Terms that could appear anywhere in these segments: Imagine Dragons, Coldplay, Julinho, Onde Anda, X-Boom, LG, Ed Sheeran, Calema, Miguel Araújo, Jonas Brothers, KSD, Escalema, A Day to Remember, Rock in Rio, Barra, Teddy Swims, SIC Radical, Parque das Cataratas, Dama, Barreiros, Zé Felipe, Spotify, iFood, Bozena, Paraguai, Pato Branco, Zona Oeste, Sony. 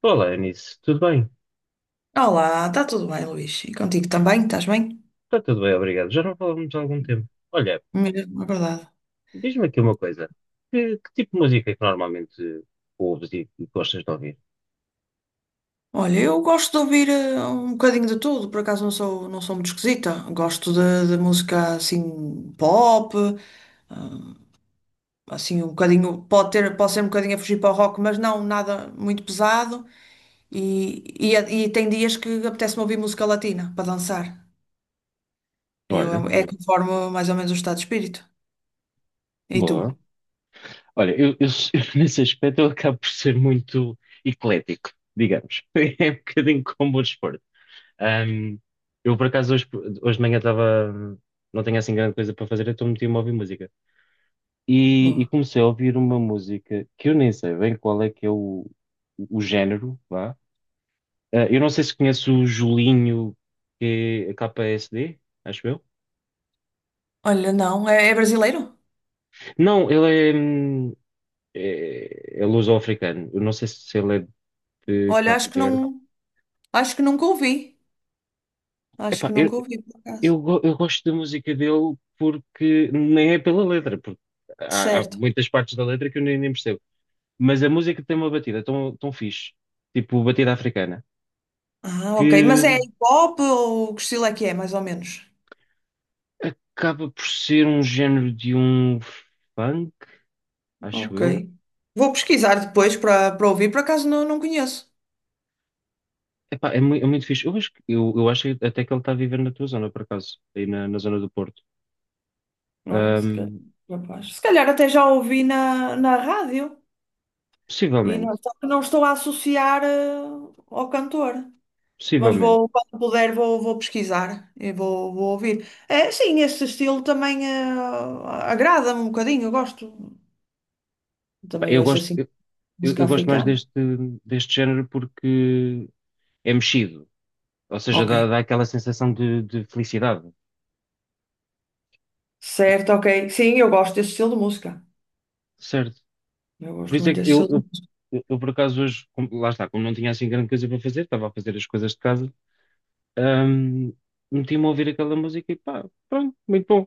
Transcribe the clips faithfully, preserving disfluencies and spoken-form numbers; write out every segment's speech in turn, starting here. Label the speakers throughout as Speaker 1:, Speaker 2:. Speaker 1: Olá, Eunice, tudo bem?
Speaker 2: Olá, está tudo bem, Luís? E contigo também? Estás bem?
Speaker 1: Está tudo bem, obrigado. Já não falamos há algum tempo. Olha,
Speaker 2: Mesmo, é verdade.
Speaker 1: diz-me aqui uma coisa. Que, que tipo de música é que normalmente ouves e e gostas de ouvir?
Speaker 2: Olha, eu gosto de ouvir eh, um bocadinho de tudo, por acaso não sou, não sou muito esquisita. Gosto de, de música assim pop, assim um bocadinho, pode ter, pode ser um bocadinho a fugir para o rock, mas não nada muito pesado. E, e, e tem dias que apetece-me ouvir música latina para dançar. Eu,
Speaker 1: Olha,
Speaker 2: é é
Speaker 1: muito
Speaker 2: conforme mais ou menos o estado de espírito. E tu?
Speaker 1: boa. Olha, eu, eu, eu nesse aspecto eu acabo por ser muito eclético, digamos. É um bocadinho como o desporto. Ahm, eu, por acaso, hoje, hoje de manhã estava. Não tenho assim grande coisa para fazer, então meti-me a ouvir música. E, e
Speaker 2: Boa.
Speaker 1: comecei a ouvir uma música que eu nem sei bem qual é que é o, o género, vá. Ah, eu não sei se conheço o Julinho, que é K S D, acho eu.
Speaker 2: Olha, não, é, é brasileiro?
Speaker 1: Não, ele é, hum, é, é luso-africano. Eu não sei se ele é de
Speaker 2: Olha,
Speaker 1: Cabo
Speaker 2: acho que
Speaker 1: Verde.
Speaker 2: não, acho que nunca ouvi. acho
Speaker 1: Epá,
Speaker 2: que
Speaker 1: eu,
Speaker 2: nunca ouvi, por acaso.
Speaker 1: eu, go- eu gosto da música dele porque nem é pela letra, porque há, há
Speaker 2: Certo.
Speaker 1: muitas partes da letra que eu nem, nem percebo. Mas a música tem uma batida tão, tão fixe, tipo batida africana,
Speaker 2: Ah, ok. Mas
Speaker 1: que
Speaker 2: é hip hop ou que estilo é que é, mais ou menos?
Speaker 1: acaba por ser um género de um funk, acho
Speaker 2: Ok.
Speaker 1: eu.
Speaker 2: Vou pesquisar depois para para ouvir, por acaso não, não conheço.
Speaker 1: Epá, é, mui- é muito fixe. Eu acho, que- eu, eu acho até que ele está a viver na tua zona, por acaso, aí na, na zona do Porto.
Speaker 2: Olha, se calhar,
Speaker 1: Ahm,
Speaker 2: rapaz. Se calhar até já ouvi na, na rádio e não,
Speaker 1: possivelmente,
Speaker 2: só que não estou a associar eh, ao cantor. Mas
Speaker 1: possivelmente.
Speaker 2: vou, quando puder, vou, vou pesquisar e vou, vou ouvir. É, sim, esse estilo também eh, agrada-me um bocadinho, eu gosto.
Speaker 1: Epá,
Speaker 2: Também
Speaker 1: eu
Speaker 2: ouço
Speaker 1: gosto,
Speaker 2: assim
Speaker 1: eu, eu-
Speaker 2: música
Speaker 1: eu gosto mais
Speaker 2: africana.
Speaker 1: deste, deste género porque é mexido, ou seja,
Speaker 2: Ok.
Speaker 1: dá, dá aquela sensação de, de felicidade,
Speaker 2: Certo, ok. Sim, eu gosto desse estilo de música.
Speaker 1: certo?
Speaker 2: Eu
Speaker 1: Por
Speaker 2: gosto
Speaker 1: isso é
Speaker 2: muito
Speaker 1: que
Speaker 2: desse
Speaker 1: eu,
Speaker 2: estilo de
Speaker 1: eu,
Speaker 2: música.
Speaker 1: eu, eu, por acaso, hoje, como- lá está, como não tinha assim grande coisa para fazer, estava a fazer as coisas de casa, ahm, meti-me a ouvir aquela música e pá, pronto, muito bom.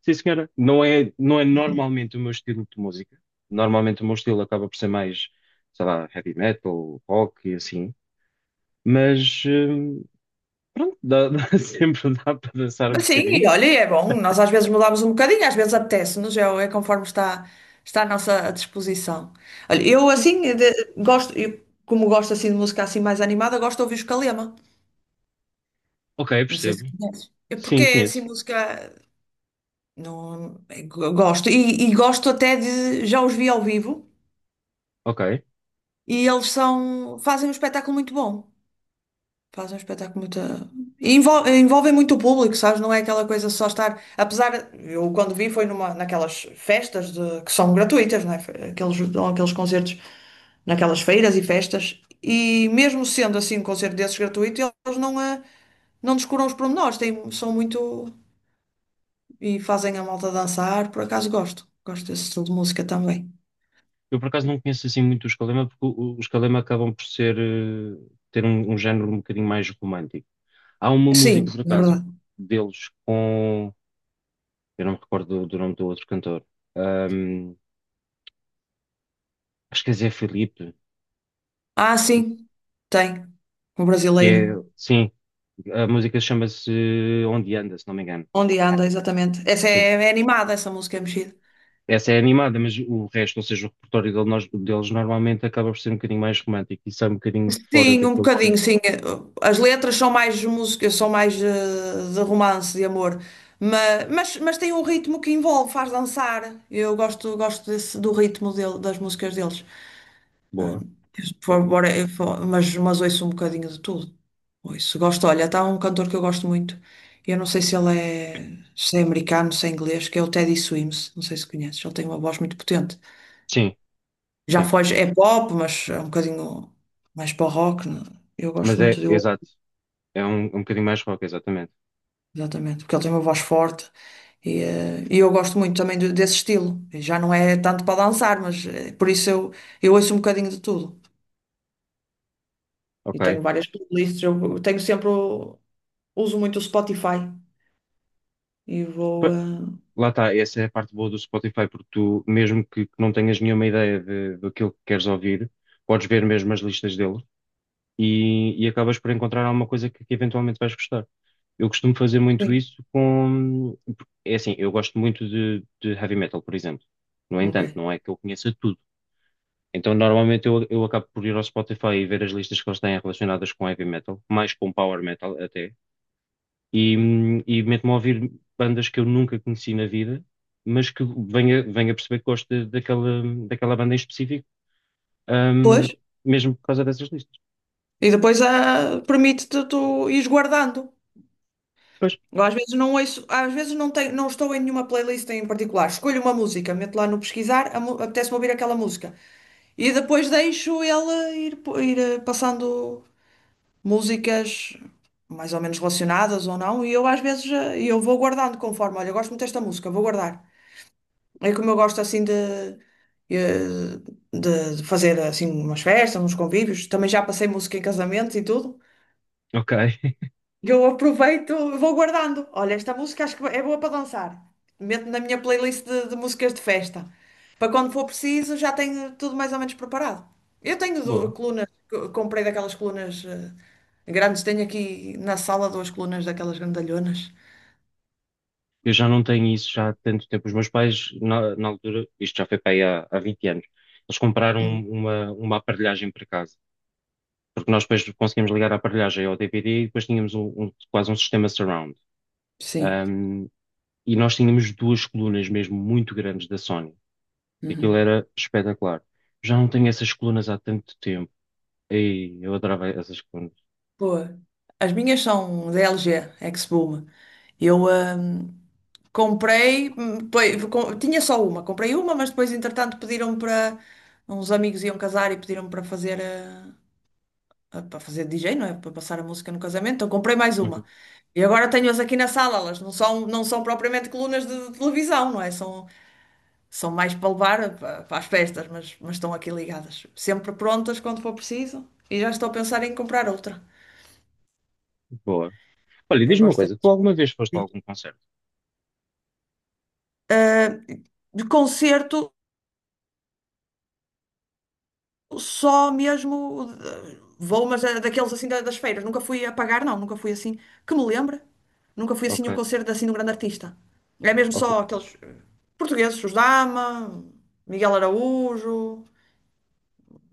Speaker 1: Sim, senhora. Não é, não é normalmente o meu estilo de música. Normalmente o meu estilo acaba por ser mais, sei lá, heavy metal, rock e assim. Mas, hum, pronto, dá, dá- sempre dá para dançar um
Speaker 2: Mas sim,
Speaker 1: bocadinho.
Speaker 2: e olha, e é bom. Nós às vezes mudamos um bocadinho, às vezes apetece-nos, é, é conforme está, está à nossa disposição. Olha, eu
Speaker 1: Sim.
Speaker 2: assim de- gosto, eu, como gosto assim de música assim mais animada, gosto de ouvir os Calema.
Speaker 1: Ok,
Speaker 2: Não sei
Speaker 1: percebo.
Speaker 2: se conheces. É porque
Speaker 1: Sim,
Speaker 2: é assim
Speaker 1: conheço.
Speaker 2: música. Não, é, go- gosto. E, e gosto até de. Já os vi ao vivo
Speaker 1: Ok.
Speaker 2: e eles são, fazem um espetáculo muito bom. Faz um espetáculo muito. envolve envolve muito o público, sabes? Não é aquela coisa só estar. Apesar, eu quando vi foi numa, naquelas festas de- que são gratuitas, não é? Aqueles, dão aqueles concertos naquelas feiras e festas. E mesmo sendo assim um concerto desses gratuito, eles não, eh, não descuram os pormenores, têm, são muito. E fazem a malta dançar. Por acaso gosto. Gosto desse estilo de música também.
Speaker 1: Eu por acaso não conheço assim muito o Escalema, porque o- o- os Escalema acabam por ser, eh, ter um, um género um bocadinho mais romântico. Há uma música,
Speaker 2: Sim,
Speaker 1: por
Speaker 2: é
Speaker 1: acaso,
Speaker 2: verdade.
Speaker 1: deles com. Eu não me recordo do, do nome do outro cantor. Ahm, acho que é Zé Felipe.
Speaker 2: Ah, sim, tem. Um
Speaker 1: Que é,
Speaker 2: brasileiro.
Speaker 1: sim, a música chama-se Onde Anda, se não me engano.
Speaker 2: Onde anda, exatamente. Essa é,
Speaker 1: Sim.
Speaker 2: é animada, essa música é mexida.
Speaker 1: Essa é animada, mas o resto, ou seja, o repertório dele- nós- deles normalmente acaba por ser um bocadinho mais romântico e sai um bocadinho fora
Speaker 2: Sim, um
Speaker 1: daquilo que.
Speaker 2: bocadinho, sim. As letras são mais músicas, são mais eh, de romance, de amor. Mas, mas, mas tem um ritmo que envolve, faz dançar. Eu gosto, gosto desse, do ritmo dele, das músicas deles. Ah,
Speaker 1: Boa,
Speaker 2: por
Speaker 1: boa.
Speaker 2: favor, eu fa- mas, mas ouço um bocadinho de tudo. Ouço, gosto. Olha, está um cantor que eu gosto muito. Eu não sei se ele é, se é americano, se é inglês, que é o Teddy Swims. Não sei se conheces. Ele tem uma voz muito potente.
Speaker 1: Sim,
Speaker 2: Já
Speaker 1: sim.
Speaker 2: foge, é pop, mas é um bocadinho mais para o rock, né? Eu gosto
Speaker 1: Mas
Speaker 2: muito
Speaker 1: é,
Speaker 2: dele,
Speaker 1: exato. É um, um bocadinho mais rock, exatamente.
Speaker 2: exatamente, porque ele tem uma voz forte e, eh, e eu gosto muito também de- desse estilo. E já não é tanto para dançar, mas eh, por isso eu, eu ouço um bocadinho de tudo. E
Speaker 1: Ok.
Speaker 2: tenho várias playlists, eu tenho sempre, o- uso muito o Spotify e vou.
Speaker 1: Pa-
Speaker 2: eh,
Speaker 1: Lá está, essa é a parte boa do Spotify, porque tu, mesmo que, que não tenhas nenhuma ideia de, do que queres ouvir, podes ver mesmo as listas deles e, e acabas por encontrar alguma coisa que, que eventualmente vais gostar. Eu costumo fazer muito
Speaker 2: sim,
Speaker 1: isso com. É assim, eu gosto muito de, de heavy metal, por exemplo. No
Speaker 2: ok.
Speaker 1: entanto, não é que eu conheça tudo. Então, normalmente, eu, eu acabo por ir ao Spotify e ver as listas que eles têm relacionadas com heavy metal, mais com power metal até, e, hum, e meto-me a ouvir bandas que eu nunca conheci na vida, mas que venha, venha a perceber que gosto de- daquela, daquela banda em específico,
Speaker 2: Pois,
Speaker 1: ahm, mesmo por causa dessas listas.
Speaker 2: e depois ah, permite-te tu ires guardando.
Speaker 1: Pois,
Speaker 2: Eu às vezes não ouço, às vezes não tenho, não estou em nenhuma playlist em particular. Escolho uma música, meto lá no pesquisar, a mu- apetece-me ouvir aquela música. E depois deixo ele ir, po- ir eh, passando músicas mais ou menos relacionadas ou não. E eu às vezes eh, eu vou guardando conforme, olha, eu gosto muito desta música, vou guardar. É como eu gosto assim de, eh, de de fazer assim umas festas, uns convívios. Também já passei música em casamento e tudo.
Speaker 1: ok,
Speaker 2: Eu aproveito, vou guardando. Olha, esta música acho que é boa para dançar. Meto na minha playlist de, de músicas de festa. Para quando for preciso, já tenho tudo mais ou menos preparado. Eu tenho du-
Speaker 1: boa.
Speaker 2: colunas, co- comprei daquelas colunas eh, grandes, tenho aqui na sala duas colunas daquelas grandalhonas.
Speaker 1: Eu já não tenho isso já há tanto tempo. Os meus pais, na, na altura, isto já foi para aí há, há vinte anos, eles compraram uma, uma aparelhagem para casa. Porque nós depois conseguimos ligar a aparelhagem ao D V D e depois tínhamos um, um- quase um sistema surround.
Speaker 2: Sim.
Speaker 1: Ahm, e nós tínhamos duas colunas mesmo muito grandes da Sony. Aquilo
Speaker 2: Uhum.
Speaker 1: era espetacular. Já não tenho essas colunas há tanto tempo. Ei, eu adorava essas colunas.
Speaker 2: Boa. As minhas são da L G, X-Boom. Eu, ahm, Comprei, hum, depois, com- tinha só uma, comprei uma, mas depois, entretanto, pediram para uns amigos iam casar e pediram para fazer eh, a- para fazer D J, não é? Para passar a música no casamento, então comprei mais uma.
Speaker 1: Uhum.
Speaker 2: E agora tenho-as aqui na sala, elas não são, não são propriamente colunas de, de televisão, não é? São, são mais para levar para, para as festas, mas, mas estão aqui ligadas, sempre prontas quando for preciso, e já estou a pensar em comprar outra.
Speaker 1: Boa. Olha,
Speaker 2: Eu
Speaker 1: diz-me uma
Speaker 2: gosto
Speaker 1: coisa, tu
Speaker 2: destas.
Speaker 1: alguma vez foste a algum concerto?
Speaker 2: De concerto. Só mesmo de- vou, mas é daqueles assim da- das feiras. Nunca fui a pagar, não, nunca fui assim. Que me lembre. Nunca fui assim
Speaker 1: Ok,
Speaker 2: a um concerto assim de um grande artista. É mesmo
Speaker 1: ok,
Speaker 2: só aqueles eh, portugueses, os Dama, Miguel Araújo,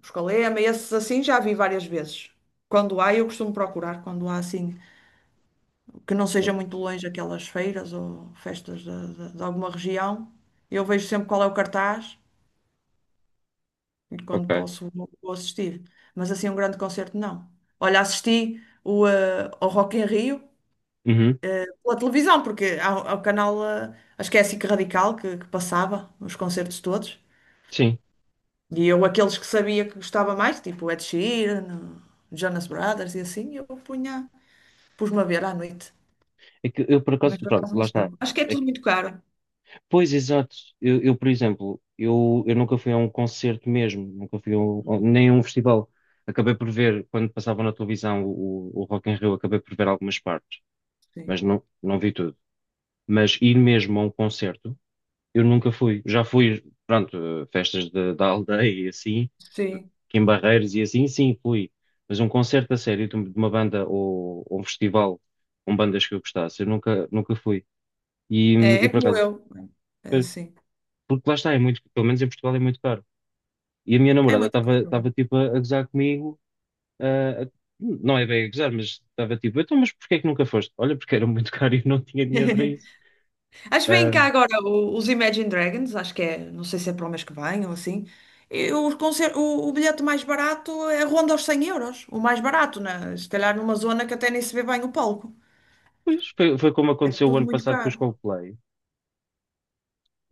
Speaker 2: os Calema, esses assim já vi várias vezes. Quando há, eu costumo procurar, quando há assim, que não seja muito longe aquelas feiras ou festas de, de de alguma região, eu vejo sempre qual é o cartaz e quando
Speaker 1: ok.
Speaker 2: posso vou assistir. Mas assim, um grande concerto, não. Olha, assisti o, eh, ao Rock in Rio
Speaker 1: Uhum.
Speaker 2: pela televisão, porque há, há o canal, eh, acho que é a S I C Radical, que, que passava os concertos todos.
Speaker 1: Sim.
Speaker 2: E eu, aqueles que sabia que gostava mais, tipo Ed Sheeran, Jonas Brothers e assim, eu punha, pus-me a ver à noite.
Speaker 1: É que eu por acaso,
Speaker 2: Mas por
Speaker 1: pronto,
Speaker 2: acaso não
Speaker 1: lá está.
Speaker 2: sou. Acho que é
Speaker 1: É
Speaker 2: tudo
Speaker 1: que-
Speaker 2: muito caro.
Speaker 1: pois, exato. Eu, eu, por exemplo, eu, eu nunca fui a um concerto mesmo, nunca fui a um, a nem a um festival. Acabei por ver, quando passava na televisão o, o o Rock in Rio, acabei por ver algumas partes,
Speaker 2: Sim.
Speaker 1: mas não, não vi tudo. Mas ir mesmo a um concerto, eu nunca fui. Já fui, pronto, a festas de- da aldeia e assim,
Speaker 2: Sim.
Speaker 1: aqui em Barreiros e assim, sim, fui. Mas um concerto a sério de uma de uma banda ou, ou um festival com bandas que eu gostasse, eu nunca, nunca fui. E,
Speaker 2: É,
Speaker 1: e
Speaker 2: é
Speaker 1: por
Speaker 2: como
Speaker 1: acaso,
Speaker 2: eu. É,
Speaker 1: é,
Speaker 2: sim.
Speaker 1: porque lá está, é muito, pelo menos em Portugal é muito caro. E a minha
Speaker 2: É
Speaker 1: namorada
Speaker 2: muito
Speaker 1: estava
Speaker 2: caro.
Speaker 1: estava tipo a, a gozar comigo, ah, a- não é bem a gozar, mas estava tipo, então, mas porquê é que nunca foste? Olha, porque era muito caro e eu não tinha dinheiro para isso.
Speaker 2: Acho que vem cá
Speaker 1: Ah,
Speaker 2: agora o- os Imagine Dragons, acho que é, não sei se é para o mês que vem ou assim. E os concer- o, o bilhete mais barato é ronda aos cem euros, o mais barato, né? Se calhar numa zona que até nem se vê bem o palco.
Speaker 1: pois foi, foi como
Speaker 2: É
Speaker 1: aconteceu o
Speaker 2: tudo
Speaker 1: ano
Speaker 2: muito
Speaker 1: passado com os
Speaker 2: caro.
Speaker 1: Coldplay.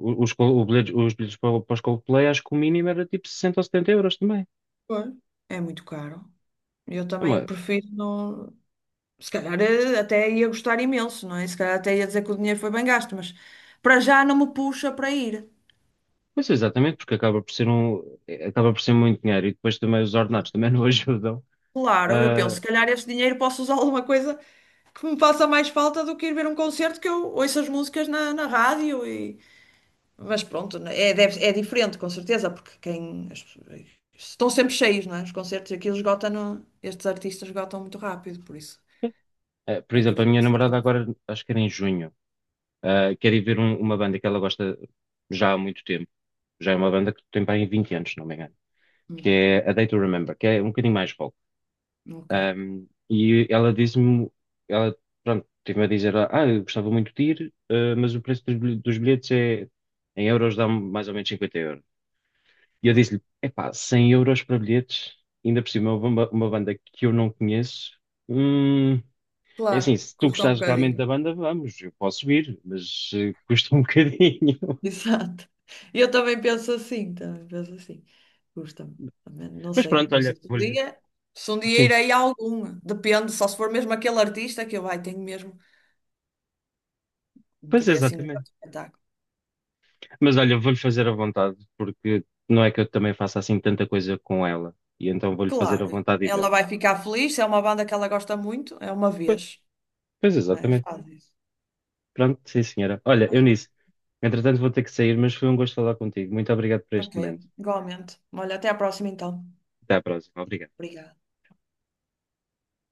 Speaker 1: O- Os, Col- o bilhete- os bilhetes para, o- para os Coldplay, acho que o mínimo era tipo sessenta ou setenta euros também.
Speaker 2: Pois. É muito caro. Eu
Speaker 1: É
Speaker 2: também
Speaker 1: uma-
Speaker 2: prefiro não. Se calhar eh, até ia gostar imenso, não é? Se calhar até ia dizer que o dinheiro foi bem gasto, mas para já não me puxa para ir.
Speaker 1: Pois exatamente, porque acaba por ser um, eh, acaba por ser muito dinheiro e depois também os ordenados também não ajudam.
Speaker 2: Claro, eu penso,
Speaker 1: Ah,
Speaker 2: se calhar este dinheiro posso usar alguma coisa que me faça mais falta do que ir ver um concerto que eu ouço as músicas na, na rádio e... Mas pronto, né, é, deve- é diferente, com certeza, porque quem... as pessoas... Estão sempre cheios, não é? Os concertos aqui eles esgotam, no- estes artistas esgotam muito rápido, por isso
Speaker 1: eh, por exemplo, a
Speaker 2: acredito
Speaker 1: minha
Speaker 2: que
Speaker 1: namorada
Speaker 2: seja.
Speaker 1: agora, acho que era em junho. Uh, quer ir ver um- uma banda que ela gosta já há muito tempo. Já é uma banda que tem bem vinte anos, se não me engano. Que
Speaker 2: Uhum,
Speaker 1: é A Day to Remember, que é um bocadinho mais rock.
Speaker 2: ok,
Speaker 1: Um, e ela disse-me, ela, pronto, teve-me a dizer, ah, eu gostava muito de ir, uh, mas o preço dos bilhe- dos bilhetes é, em euros dá-me mais ou menos cinquenta euros. E eu
Speaker 2: boa.
Speaker 1: disse-lhe, epá, cem euros para bilhetes, ainda por cima uma, uma banda que eu não conheço, hum, é
Speaker 2: Claro,
Speaker 1: assim, se tu
Speaker 2: custa um
Speaker 1: gostares realmente
Speaker 2: bocadinho.
Speaker 1: da banda, vamos, eu posso ir, mas eh, custa um bocadinho.
Speaker 2: Exato. Eu também penso assim, também penso assim. Custa-me. Também não
Speaker 1: Mas
Speaker 2: sei,
Speaker 1: pronto,
Speaker 2: não sei
Speaker 1: olha,
Speaker 2: se um
Speaker 1: vou-lhe.
Speaker 2: dia, se um dia
Speaker 1: Sim,
Speaker 2: irei a algum. Depende, só se for mesmo aquele artista que eu, ai, tenho mesmo que
Speaker 1: pois
Speaker 2: dê assim um
Speaker 1: exatamente.
Speaker 2: grande espetáculo.
Speaker 1: Mas olha, vou-lhe fazer à vontade, porque não é que eu também faça assim tanta coisa com ela. E então vou-lhe fazer à
Speaker 2: Claro,
Speaker 1: vontade e
Speaker 2: ela vai
Speaker 1: vamos.
Speaker 2: ficar feliz, se é uma banda que ela gosta muito, é uma
Speaker 1: Pois,
Speaker 2: vez.
Speaker 1: pois
Speaker 2: Não é,
Speaker 1: exatamente.
Speaker 2: faz isso.
Speaker 1: Pronto, sim, senhora. Olha, Eunice, entretanto vou ter que sair, mas foi um gosto falar contigo. Muito obrigado por
Speaker 2: Ok,
Speaker 1: este momento.
Speaker 2: igualmente. Olha, até à próxima então.
Speaker 1: Até à próxima. Obrigado.
Speaker 2: Obrigada.